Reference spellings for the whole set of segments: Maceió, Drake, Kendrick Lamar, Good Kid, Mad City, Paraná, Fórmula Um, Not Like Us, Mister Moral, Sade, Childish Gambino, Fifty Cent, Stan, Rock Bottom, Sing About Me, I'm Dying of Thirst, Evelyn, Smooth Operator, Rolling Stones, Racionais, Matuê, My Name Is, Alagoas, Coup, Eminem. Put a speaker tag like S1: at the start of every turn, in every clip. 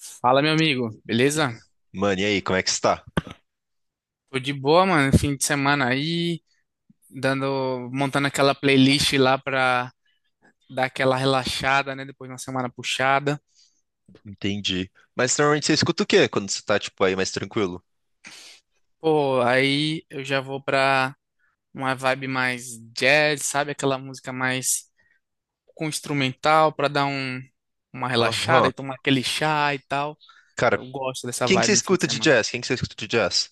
S1: Fala, meu amigo, beleza?
S2: Mano, e aí, como é que está?
S1: Tô de boa, mano. Fim de semana aí, dando, montando aquela playlist lá pra dar aquela relaxada, né? Depois de uma semana puxada.
S2: Entendi. Mas normalmente você escuta o quê quando você tá, tipo, aí mais tranquilo?
S1: Pô, aí eu já vou pra uma vibe mais jazz, sabe? Aquela música mais com instrumental pra dar um, uma relaxada
S2: Aham.
S1: e tomar aquele chá e tal.
S2: Cara,
S1: Eu gosto dessa
S2: quem que você
S1: vibe no fim de
S2: escuta de
S1: semana.
S2: jazz? Quem que você escuta de jazz?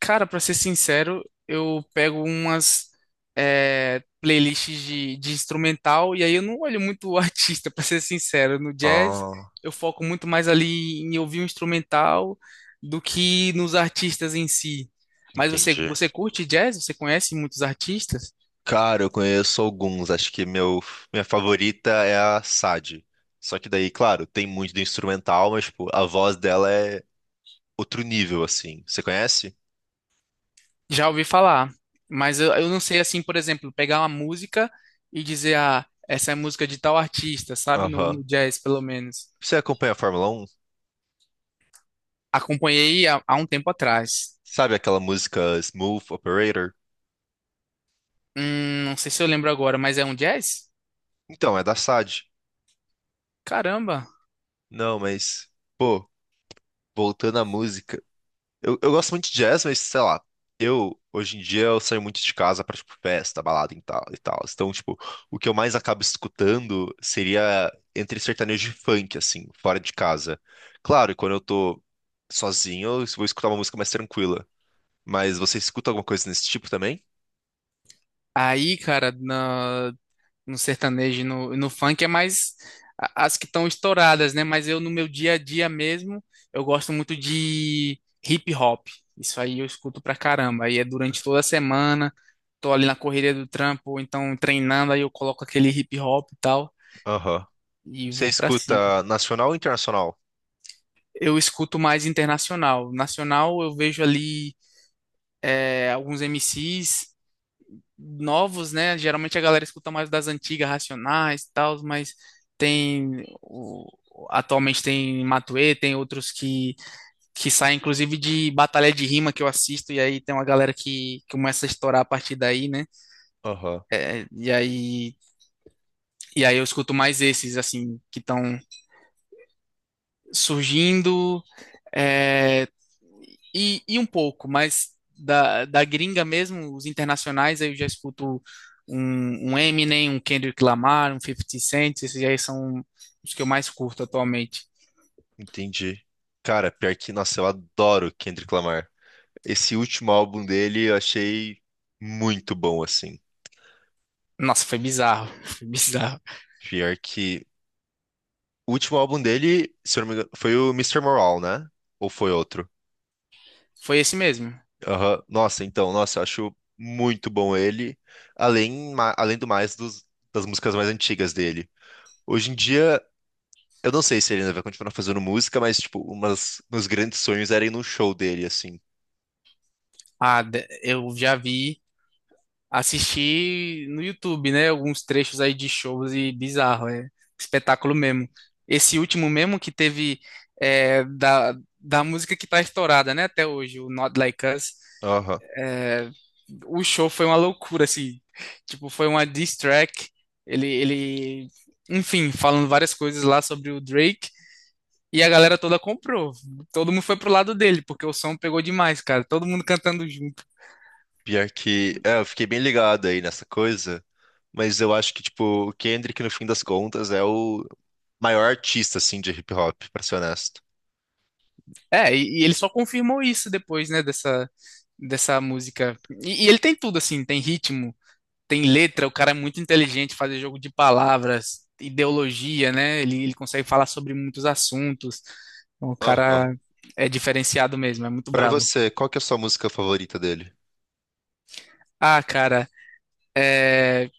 S1: Cara, pra ser sincero, eu pego umas playlists de instrumental e aí eu não olho muito o artista, pra ser sincero. No jazz,
S2: Ah,
S1: eu foco muito mais ali em ouvir o instrumental do que nos artistas em si. Mas você,
S2: entendi.
S1: você curte jazz? Você conhece muitos artistas?
S2: Cara, eu conheço alguns. Acho que minha favorita é a Sade. Só que daí, claro, tem muito do instrumental, mas, tipo, a voz dela é outro nível, assim. Você conhece?
S1: Já ouvi falar, mas eu não sei, assim, por exemplo, pegar uma música e dizer, ah, essa é música de tal artista, sabe? No
S2: Aham.
S1: jazz, pelo menos.
S2: Você acompanha a Fórmula Um?
S1: Acompanhei há um tempo atrás.
S2: Sabe aquela música Smooth Operator?
S1: Não sei se eu lembro agora, mas é um jazz?
S2: Então, é da Sade.
S1: Caramba!
S2: Não, mas. Pô, voltando à música, eu gosto muito de jazz, mas sei lá, eu hoje em dia eu saio muito de casa pra tipo festa, balada e tal e tal. Então, tipo, o que eu mais acabo escutando seria entre sertanejo e funk, assim, fora de casa. Claro, e quando eu tô sozinho, eu vou escutar uma música mais tranquila. Mas você escuta alguma coisa nesse tipo também?
S1: Aí, cara, no sertanejo e no funk é mais as que estão estouradas, né? Mas eu, no meu dia a dia mesmo, eu gosto muito de hip hop. Isso aí eu escuto pra caramba. Aí é durante toda a semana, tô ali na correria do trampo, ou então treinando, aí eu coloco aquele hip hop e tal.
S2: Aham.
S1: E
S2: Você
S1: vou pra cima.
S2: escuta nacional ou internacional?
S1: Eu escuto mais internacional. Nacional eu vejo ali alguns MCs novos, né? Geralmente a galera escuta mais das antigas, Racionais e tal, mas tem o- atualmente tem Matuê, tem outros que saem inclusive de batalha de rima que eu assisto e aí tem uma galera que começa a estourar a partir daí, né?
S2: Aham.
S1: É, e aí e aí eu escuto mais esses assim que estão surgindo. É, e um pouco, mas da gringa mesmo, os internacionais, aí eu já escuto um Eminem, um Kendrick Lamar, um Fifty Cent, esses aí são os que eu mais curto atualmente.
S2: Entendi. Cara, pior que, nossa, eu adoro Kendrick Lamar. Esse último álbum dele eu achei muito bom, assim.
S1: Nossa, foi bizarro, foi bizarro.
S2: Pior que. O último álbum dele, se eu não me engano, foi o Mister Moral, né? Ou foi outro?
S1: Foi esse mesmo.
S2: Aham. Nossa, então, nossa, eu acho muito bom ele. Além, além do mais das músicas mais antigas dele. Hoje em dia, eu não sei se ele ainda vai continuar fazendo música, mas, tipo, umas, meus grandes sonhos era ir num show dele, assim.
S1: Eu já vi, assistir no YouTube, né? Alguns trechos aí de shows e bizarro, é espetáculo mesmo. Esse último mesmo que teve é, da, da música que tá estourada, né? Até hoje, o Not Like Us.
S2: Aham.
S1: é, o show foi uma loucura, assim. Tipo, foi uma diss track. Ele, ele, Enfim, falando várias coisas lá sobre o Drake. E a galera toda comprou. Todo mundo foi pro lado dele, porque o som pegou demais, cara. Todo mundo cantando junto.
S2: Pior que, é, eu fiquei bem ligado aí nessa coisa, mas eu acho que, tipo, o Kendrick, no fim das contas, é o maior artista, assim, de hip hop, pra ser honesto.
S1: Ele só confirmou isso depois, né, dessa música. E ele tem tudo, assim, tem ritmo, tem letra, o cara é muito inteligente, fazer jogo de palavras, ideologia, né? Ele consegue falar sobre muitos assuntos. Então, o
S2: Aham.
S1: cara é diferenciado mesmo, é muito
S2: Pra
S1: brabo.
S2: você, qual que é a sua música favorita dele?
S1: Ah, cara, é,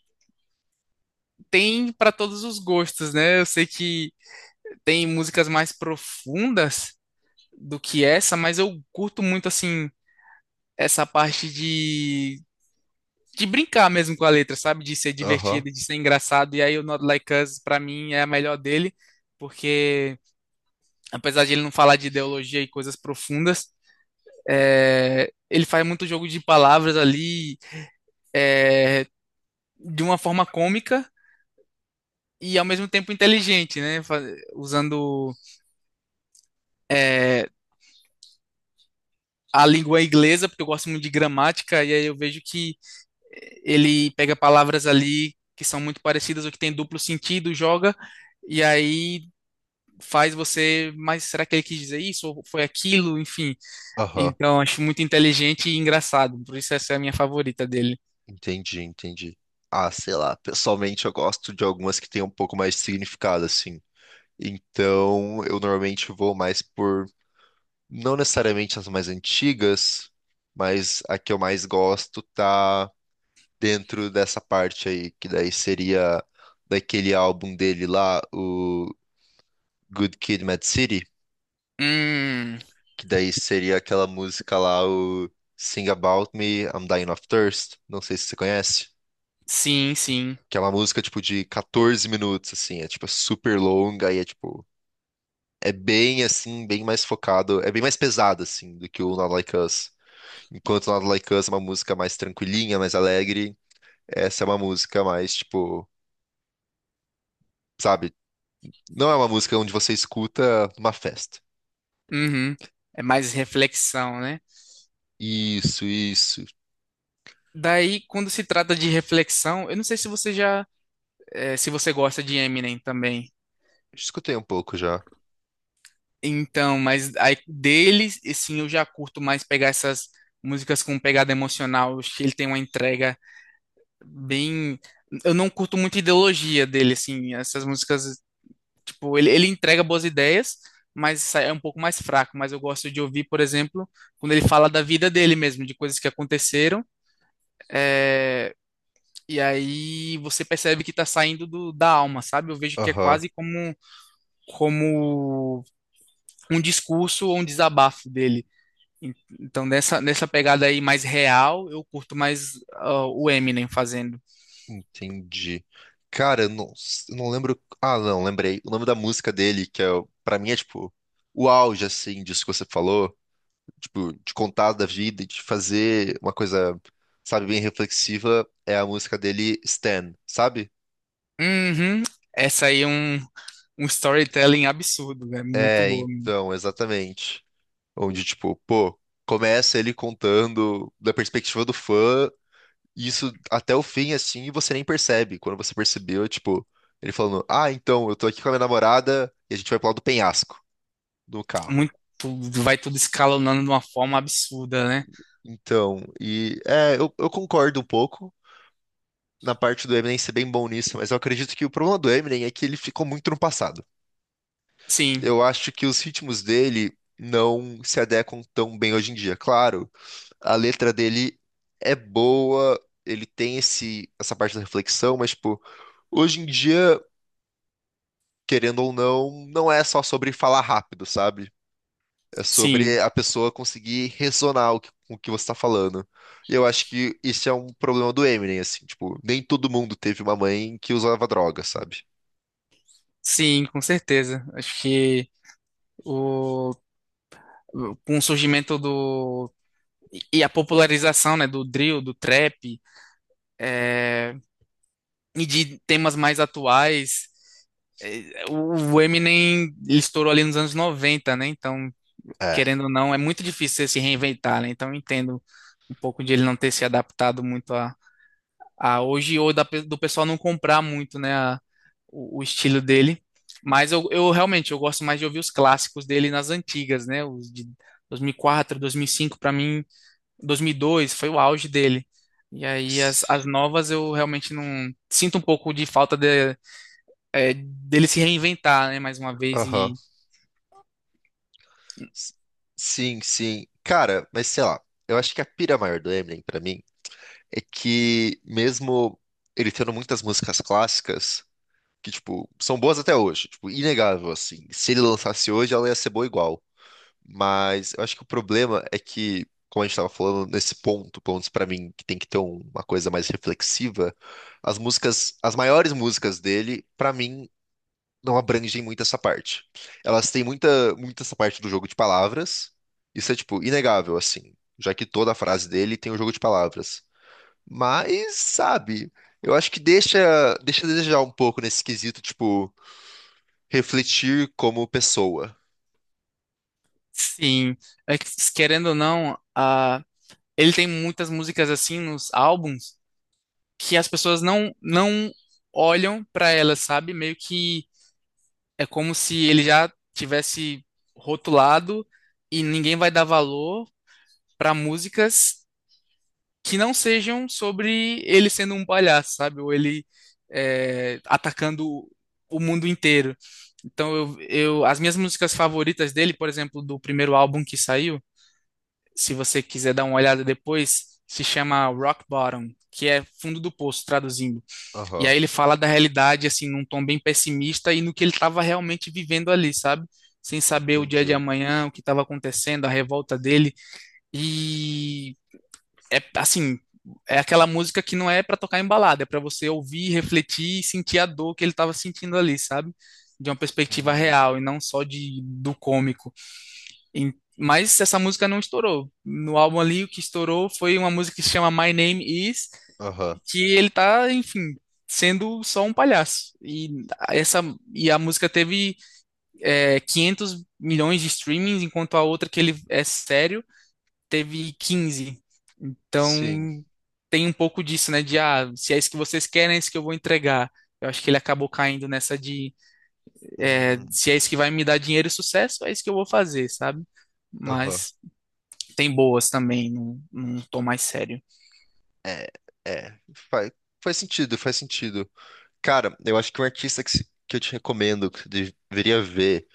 S1: tem pra todos os gostos, né? Eu sei que tem músicas mais profundas do que essa, mas eu curto muito, assim, essa parte de brincar mesmo com a letra, sabe? De ser
S2: Aham,
S1: divertido, de ser engraçado. E aí o Not Like Us, pra mim, é a melhor dele, porque apesar de ele não falar de ideologia e coisas profundas, ele faz muito jogo de palavras ali de uma forma cômica e ao mesmo tempo inteligente, né? Usando é, a língua inglesa, porque eu gosto muito de gramática, e aí eu vejo que ele pega palavras ali que são muito parecidas ou que tem duplo sentido, joga, e aí faz você, mas será que ele quis dizer isso ou foi aquilo? Enfim,
S2: aham.
S1: então acho muito inteligente e engraçado, por isso essa é a minha favorita dele.
S2: Entendi, entendi. Ah, sei lá, pessoalmente eu gosto de algumas que têm um pouco mais de significado, assim. Então, eu normalmente vou mais por, não necessariamente as mais antigas, mas a que eu mais gosto tá dentro dessa parte aí, que daí seria daquele álbum dele lá, o Good Kid, Mad City,
S1: Hum,
S2: que daí seria aquela música lá, o Sing About Me, I'm Dying of Thirst, não sei se você conhece,
S1: sim, sim.
S2: que é uma música tipo de 14 minutos, assim, é tipo super longa e é tipo. É bem assim, bem mais focado, é bem mais pesado assim do que o Not Like Us. Enquanto o Not Like Us é uma música mais tranquilinha, mais alegre, essa é uma música mais tipo, sabe, não é uma música onde você escuta numa festa.
S1: Uhum. É mais reflexão, né?
S2: Isso, isso.
S1: Daí, quando se trata de reflexão, eu não sei se você já, se você gosta de Eminem também.
S2: Escutei um pouco já.
S1: Então, mas aí deles e sim, eu já curto mais pegar essas músicas com pegada emocional. Eu acho que ele tem uma entrega bem. Eu não curto muito a ideologia dele, assim. Essas músicas. Tipo, ele entrega boas ideias, mas é um pouco mais fraco. Mas eu gosto de ouvir, por exemplo, quando ele fala da vida dele mesmo, de coisas que aconteceram. é, E aí você percebe que está saindo da alma, sabe? Eu vejo que é
S2: Aham,
S1: quase como, como um discurso ou um desabafo dele. Então, nessa pegada aí mais real, eu curto mais ah, o Eminem fazendo.
S2: entendi. Cara, eu não lembro. Ah, não, lembrei. O nome da música dele, que é, pra mim é tipo o auge, assim, disso que você falou, tipo, de contar da vida, de fazer uma coisa, sabe, bem reflexiva, é a música dele, Stan, sabe?
S1: Uhum. Essa aí é um storytelling absurdo, é muito
S2: É,
S1: boa,
S2: então, exatamente. Onde, tipo, pô, começa ele contando da perspectiva do fã. E isso até o fim, assim, e você nem percebe. Quando você percebeu, é tipo, ele falando: Ah, então, eu tô aqui com a minha namorada e a gente vai pro lado do penhasco do carro.
S1: muito vai tudo escalonando de uma forma absurda, né?
S2: Então, e é, eu concordo um pouco na parte do Eminem ser bem bom nisso, mas eu acredito que o problema do Eminem é que ele ficou muito no passado.
S1: Sim,
S2: Eu acho que os ritmos dele não se adequam tão bem hoje em dia. Claro, a letra dele é boa, ele tem essa parte da reflexão, mas, tipo, hoje em dia, querendo ou não, não é só sobre falar rápido, sabe? É sobre
S1: sim,
S2: a pessoa conseguir ressonar com o que você tá falando. E eu acho que isso é um problema do Eminem, assim, tipo, nem todo mundo teve uma mãe que usava droga, sabe?
S1: sim, com certeza. Acho que o com o surgimento do e a popularização, né, do drill, do trap e de temas mais atuais, o Eminem ele estourou ali nos anos 90, né? Então,
S2: É.
S1: querendo ou não, é muito difícil você se reinventar, né? Então, eu entendo um pouco de ele não ter se adaptado muito a hoje ou do pessoal não comprar muito, né, o estilo dele. Mas eu realmente eu gosto mais de ouvir os clássicos dele nas antigas, né, os de 2004, 2005 para mim, 2002 foi o auge dele. E aí
S2: S-
S1: as novas eu realmente não sinto um pouco de falta de, dele se reinventar, né, mais uma vez
S2: Aham.
S1: e
S2: S- Sim, sim. Cara, mas sei lá, eu acho que a pira maior do Eminem pra mim é que mesmo ele tendo muitas músicas clássicas, que tipo, são boas até hoje, tipo, inegável assim. Se ele lançasse hoje, ela ia ser boa igual. Mas eu acho que o problema é que, como a gente estava falando, nesse ponto, pelo menos pra mim, que tem que ter uma coisa mais reflexiva, as músicas, as maiores músicas dele, pra mim, não abrangem muito essa parte. Elas têm muito essa parte do jogo de palavras. Isso é, tipo, inegável, assim, já que toda a frase dele tem um jogo de palavras. Mas, sabe, eu acho que deixa a desejar um pouco nesse quesito, tipo, refletir como pessoa.
S1: sim, é que, querendo ou não, a ele tem muitas músicas assim nos álbuns que as pessoas não olham para elas, sabe? Meio que é como se ele já tivesse rotulado e ninguém vai dar valor para músicas que não sejam sobre ele sendo um palhaço, sabe? Ou ele atacando o mundo inteiro. Então, as minhas músicas favoritas dele, por exemplo, do primeiro álbum que saiu, se você quiser dar uma olhada depois, se chama Rock Bottom, que é fundo do poço, traduzindo. E
S2: Aham,
S1: aí ele fala da realidade, assim, num tom bem pessimista e no que ele estava realmente vivendo ali, sabe? Sem saber o dia de
S2: entendi.
S1: amanhã, o que estava acontecendo, a revolta dele. E é assim, é aquela música que não é para tocar em balada, é para você ouvir, refletir e sentir a dor que ele estava sentindo ali, sabe? De uma perspectiva
S2: Hum,
S1: real e não só de do cômico. Mas essa música não estourou. No álbum ali, o que estourou foi uma música que se chama My Name Is,
S2: Aham.
S1: que ele tá, enfim, sendo só um palhaço. Essa e a música teve 500 milhões de streamings, enquanto a outra que ele é sério teve 15.
S2: Sim.
S1: Então tem um pouco disso, né? De ah, se é isso que vocês querem, é isso que eu vou entregar. Eu acho que ele acabou caindo nessa de
S2: Hum,
S1: se é isso que vai me dar dinheiro e sucesso, é isso que eu vou fazer, sabe?
S2: aham.
S1: Mas tem boas também, não, não tô mais sério.
S2: É, é. Faz, faz sentido, faz sentido. Cara, eu acho que um artista que, que eu te recomendo, que você deveria ver,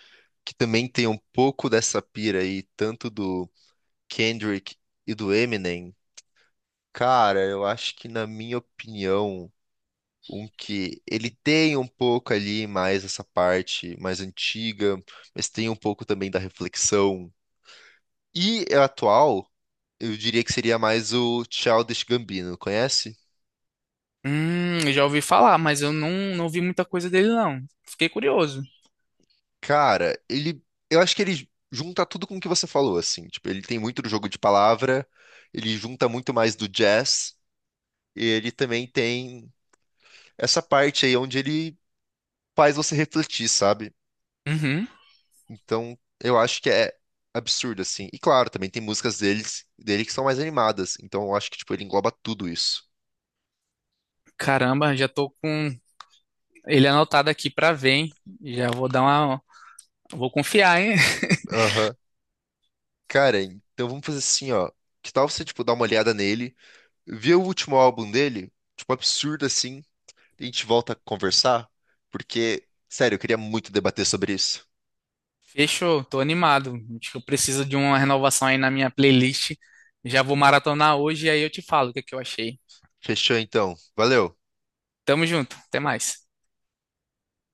S2: que também tem um pouco dessa pira aí, tanto do Kendrick e do Eminem, cara, eu acho que, na minha opinião, um que ele tem um pouco ali mais essa parte mais antiga, mas tem um pouco também da reflexão. E é atual, eu diria que seria mais o Childish Gambino, conhece?
S1: Eu já ouvi falar, mas eu não, não vi muita coisa dele, não. Fiquei curioso.
S2: Cara, ele. Eu acho que ele junta tudo com o que você falou, assim. Tipo, ele tem muito do jogo de palavra, ele junta muito mais do jazz, e ele também tem essa parte aí onde ele faz você refletir, sabe?
S1: Uhum.
S2: Então, eu acho que é absurdo, assim. E claro, também tem músicas dele que são mais animadas. Então, eu acho que, tipo, ele engloba tudo isso.
S1: Caramba, já tô com ele anotado aqui pra ver, hein? Já vou dar uma. Vou confiar, hein?
S2: Aham. Cara, então vamos fazer assim, ó. Que tal você, tipo, dar uma olhada nele, ver o último álbum dele, tipo, absurdo, assim. A gente volta a conversar, porque, sério, eu queria muito debater sobre isso.
S1: Fechou, tô animado. Acho que eu preciso de uma renovação aí na minha playlist. Já vou maratonar hoje e aí eu te falo o que é que eu achei.
S2: Fechou então. Valeu.
S1: Tamo junto, até mais.